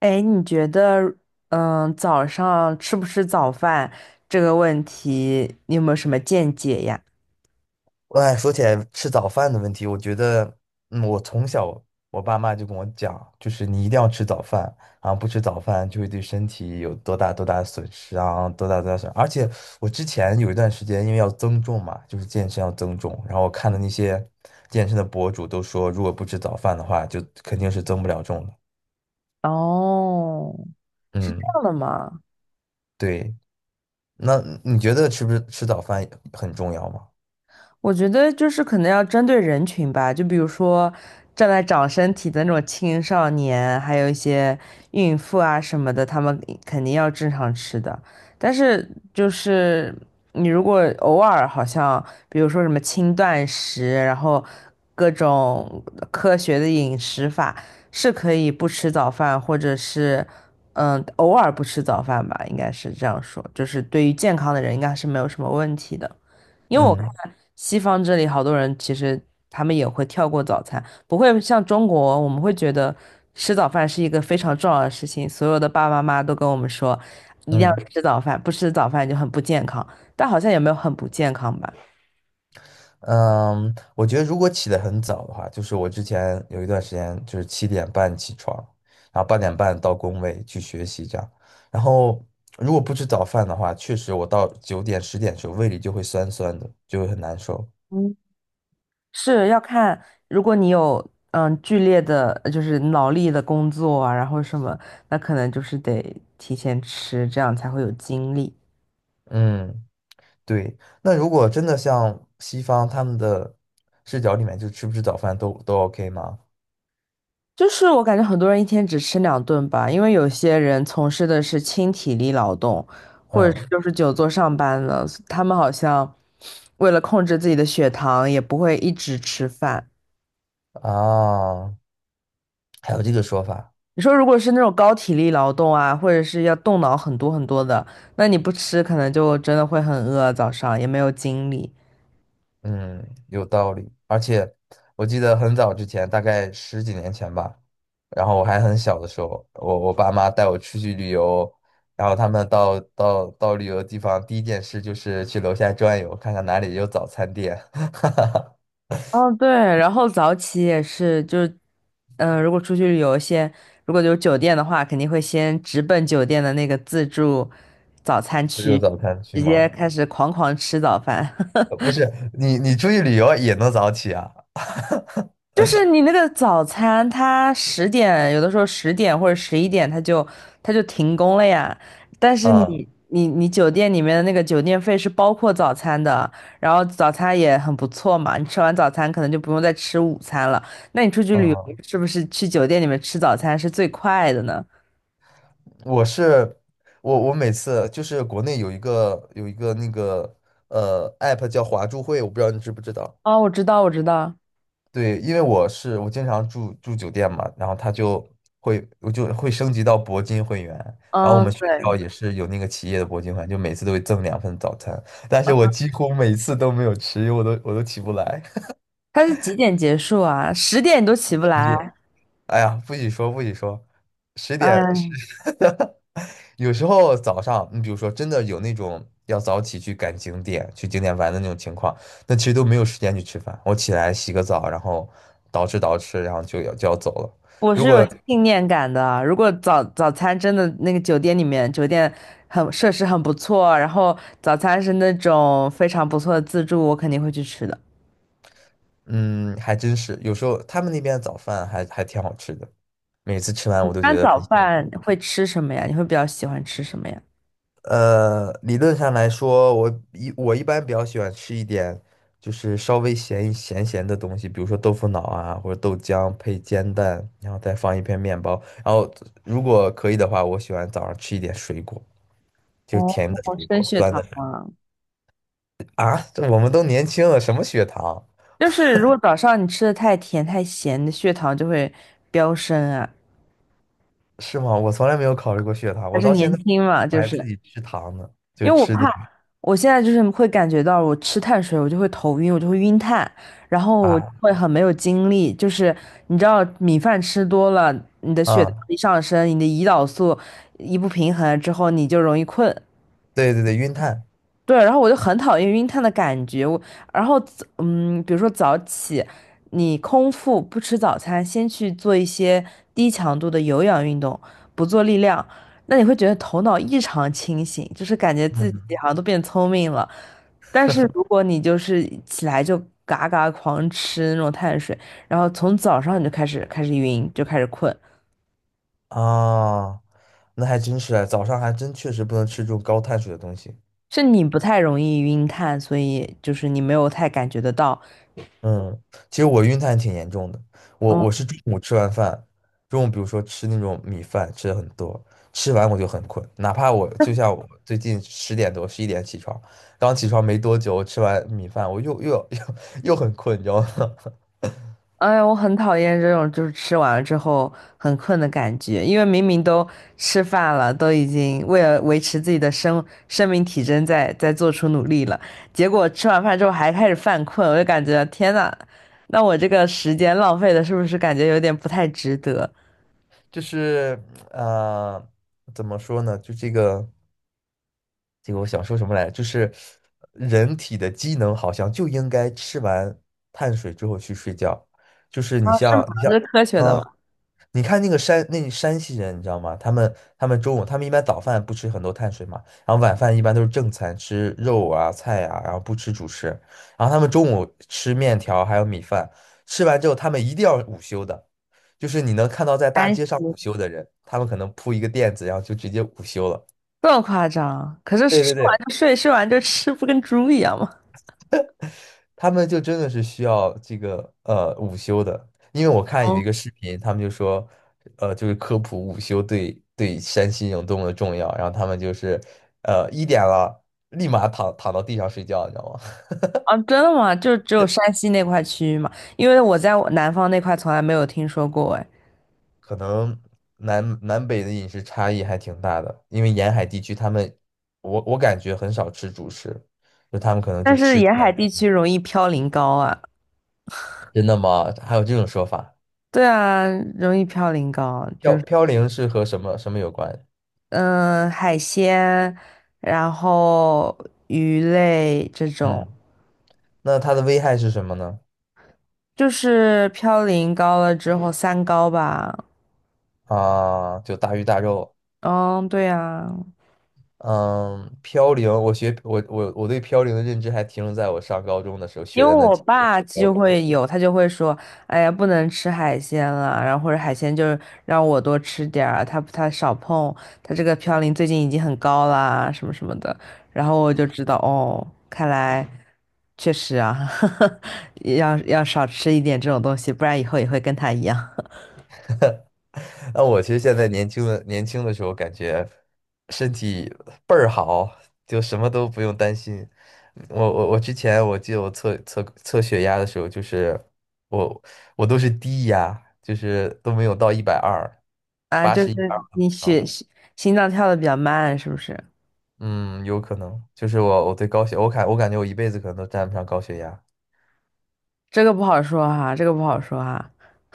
哎，你觉得，早上吃不吃早饭这个问题，你有没有什么见解呀？哎，说起来吃早饭的问题，我觉得，我从小我爸妈就跟我讲，就是你一定要吃早饭啊，不吃早饭就会对身体有多大多大的损失啊，多大多大损而且我之前有一段时间，因为要增重嘛，就是健身要增重，然后我看的那些健身的博主都说，如果不吃早饭的话，就肯定是增不了重的。哦，是这嗯，样的吗？对。那你觉得吃不吃早饭很重要吗？我觉得就是可能要针对人群吧，就比如说正在长身体的那种青少年，还有一些孕妇啊什么的，他们肯定要正常吃的。但是就是你如果偶尔好像，比如说什么轻断食，然后各种科学的饮食法，是可以不吃早饭，或者是偶尔不吃早饭吧，应该是这样说，就是对于健康的人应该是没有什么问题的。因为我看嗯西方这里好多人其实他们也会跳过早餐，不会像中国，我们会觉得吃早饭是一个非常重要的事情，所有的爸爸妈妈都跟我们说一定要嗯。吃早饭，不吃早饭就很不健康，但好像也没有很不健康吧。嗯，我觉得如果起得很早的话，就是我之前有一段时间就是7点半起床，然后8点半到工位去学习这样。然后如果不吃早饭的话，确实我到9点10点的时候胃里就会酸酸的，就会很难受。嗯，是要看，如果你有剧烈的，就是脑力的工作啊，然后什么，那可能就是得提前吃，这样才会有精力。嗯，对。那如果真的像西方他们的视角里面，就吃不吃早饭都 OK 吗？就是我感觉很多人一天只吃2顿吧，因为有些人从事的是轻体力劳动，或者是嗯就是久坐上班了，他们好像为了控制自己的血糖，也不会一直吃饭。啊，还有这个说法。你说如果是那种高体力劳动啊，或者是要动脑很多很多的，那你不吃可能就真的会很饿，早上也没有精力。嗯，有道理。而且我记得很早之前，大概十几年前吧，然后我还很小的时候，我爸妈带我出去旅游，然后他们到旅游地方，第一件事就是去楼下转悠，看看哪里有早餐店。哦，对，然后早起也是，就是，如果出去旅游先，如果有酒店的话，肯定会先直奔酒店的那个自助早餐 不是区，有早餐区直接吗？开始狂狂吃早饭。不是，你出去旅游也能早起啊？就是你那个早餐，它十点有的时候十点或者11点，它就停工了呀。但是嗯你酒店里面的那个酒店费是包括早餐的，然后早餐也很不错嘛。你吃完早餐可能就不用再吃午餐了。那你出去旅游嗯，是不是去酒店里面吃早餐是最快的呢？我是我每次就是国内有一个那个app 叫华住会，我不知道你知不知道。哦，我知道，我知道。对，因为我经常住酒店嘛，然后他就会我就会升级到铂金会员，然后我们嗯，学对，校也是有那个企业的铂金会员，就每次都会赠2份早餐，但是我几乎每次都没有吃，因为我都起不来。它是几点结束啊？十点你都起不十来。点，哎呀，不许说不许说，十点十，嗯。有时候早上你比如说真的有那种要早起去景点玩的那种情况，那其实都没有时间去吃饭，我起来洗个澡，然后捯饬捯饬，然后就要走了。我是有信念感的啊。如果早餐真的那个酒店里面，酒店很设施很不错，然后早餐是那种非常不错的自助，我肯定会去吃的。嗯，还真是，有时候他们那边的早饭还挺好吃的，每次吃完一我都般觉得早很幸饭福。会吃什么呀？你会比较喜欢吃什么呀？理论上来说，我一般比较喜欢吃一点，就是稍微咸咸的东西，比如说豆腐脑啊，或者豆浆配煎蛋，然后再放1片面包。然后如果可以的话，我喜欢早上吃一点水果，就是哦，甜的水升果，血酸的糖水果啊，啊，这我们都年轻了，什么血糖？就是如果早上你吃的太甜太咸，你的血糖就会飙升啊。是吗？我从来没有考虑过血糖，还我是到现年在轻嘛，我就还自是。己吃糖呢，就因为我吃那怕，个我现在就是会感觉到我吃碳水，我就会头晕，我就会晕碳，然后我啊。会很没有精力。就是你知道，米饭吃多了，你的血糖啊，一上升，你的胰岛素一不平衡之后，你就容易困。对对对，晕碳，对，然后我就很讨厌晕碳的感觉。我，然后比如说早起，你空腹不吃早餐，先去做一些低强度的有氧运动，不做力量，那你会觉得头脑异常清醒，就是感觉自己嗯，好像都变聪明了。但是如果你就是起来就嘎嘎狂吃那种碳水，然后从早上你就开始晕，就开始困，啊，那还真是啊，早上还真确实不能吃这种高碳水的东西。是你不太容易晕碳，所以就是你没有太感觉得到。嗯，其实我晕碳挺严重的，我是中午吃完饭，中午比如说吃那种米饭吃的很多，吃完我就很困，哪怕我就像我最近10点多11点起床，刚起床没多久，我吃完米饭我又又又 又很困，你知道吗？哎呀，我很讨厌这种就是吃完了之后很困的感觉，因为明明都吃饭了，都已经为了维持自己的生命体征在做出努力了，结果吃完饭之后还开始犯困，我就感觉天呐，那我这个时间浪费的是不是感觉有点不太值得？就是呃，怎么说呢？就这个。这个我想说什么来着？就是人体的机能好像就应该吃完碳水之后去睡觉。就是啊，你是像，吗？是科学的嗯，吗？你看那个山，那山西人，你知道吗？他们中午他们一般早饭不吃很多碳水嘛，然后晚饭一般都是正餐，吃肉啊菜啊，然后不吃主食。然后他们中午吃面条还有米饭，吃完之后他们一定要午休的。就是你能看到在大安息。街上午休的人，他们可能铺一个垫子，然后就直接午休了。这么夸张？可是对吃对完对，就睡，睡完就吃，不跟猪一样吗？他们就真的是需要这个午休的，因为我看有一哦。个视频，他们就说，就是科普午休对山西人有多么的重要，然后他们就是，1点了，立马躺到地上睡觉，你知道吗？啊，真的吗？就只有山西那块区域吗？因为我在我南方那块从来没有听说过哎。可能南北的饮食差异还挺大的，因为沿海地区他们，我感觉很少吃主食，就他们可能但就是吃沿甜海地的，区容易嘌呤高啊，真的吗？还有这种说法？对啊，容易嘌呤高，就是飘零是和什么什么有关？海鲜，然后鱼类这种，嗯，那它的危害是什么呢？就是嘌呤高了之后三高吧。啊，就大鱼大肉。嗯，对啊，嗯，飘零，我学我我我对飘零的认知还停留在我上高中的时候因学为的那我几个爸飘就零。会有，他就会说：“哎呀，不能吃海鲜了，然后或者海鲜就是让我多吃点儿啊，他少碰，他这个嘌呤最近已经很高啦，什么什么的。”然后我就知道，哦，看来确实啊，要少吃一点这种东西，不然以后也会跟他一样那我其实现在年轻的时候，感觉身体倍儿好，就什么都不用担心。我之前我记得我测血压的时候，就是我我都是低压，就是都没有到120，啊。八就十一点是二都没你到。心脏跳的比较慢，是不是？嗯，有可能，就是我我对高血，我感觉我一辈子可能都沾不上高血压。这个不好说哈，这个不好说哈。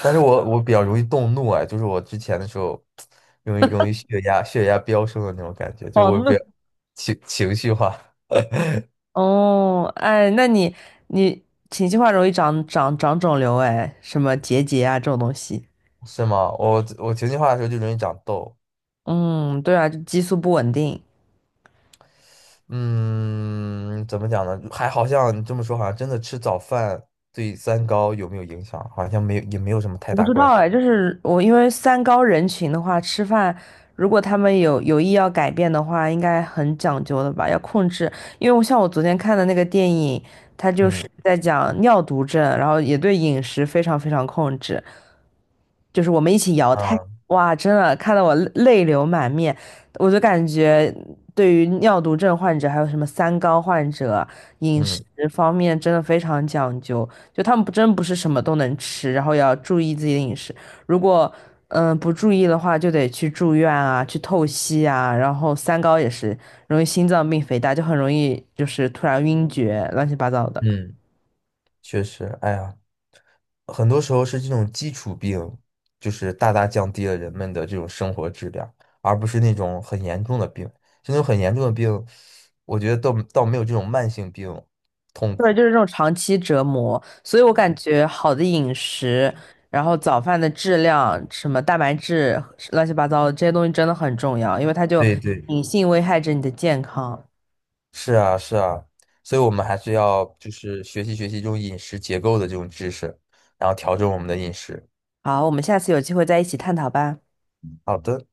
但是我比较容易动怒啊，就是我之前的时候，容易血压飙升的那种感觉，就哦，我比那。较情绪化，哦，哎，那你情绪化容易长肿瘤，哎，什么结节啊这种东西。是吗？我情绪化的时候就容易长痘。嗯，对啊，就激素不稳定。嗯，怎么讲呢？还好像你这么说，好像真的吃早饭对三高有没有影响，好像没有，也没有什么太我不大知关道系。哎，就是我因为三高人群的话，吃饭如果他们有意要改变的话，应该很讲究的吧，要控制。因为我像我昨天看的那个电影，它就是嗯在讲尿毒症，然后也对饮食非常非常控制。就是我们一起摇太，嗯哇，真的看得我泪流满面。我就感觉对于尿毒症患者，还有什么三高患者，饮食嗯方面真的非常讲究，就他们不是什么都能吃，然后要注意自己的饮食。如果不注意的话，就得去住院啊，去透析啊，然后三高也是容易心脏病、肥大，就很容易就是突然晕厥，乱七八糟的。嗯，确实，哎呀。很多时候是这种基础病，就是大大降低了人们的这种生活质量，而不是那种很严重的病。这种很严重的病，我觉得倒没有这种慢性病痛对，苦。就是这种长期折磨，所以我感觉好的饮食，然后早饭的质量，什么蛋白质，乱七八糟的这些东西真的很重要，因为它就对对，隐性危害着你的健康。是啊，是啊，所以我们还是要就是学习学习这种饮食结构的这种知识，然后调整我们的饮食。好，我们下次有机会再一起探讨吧。好的。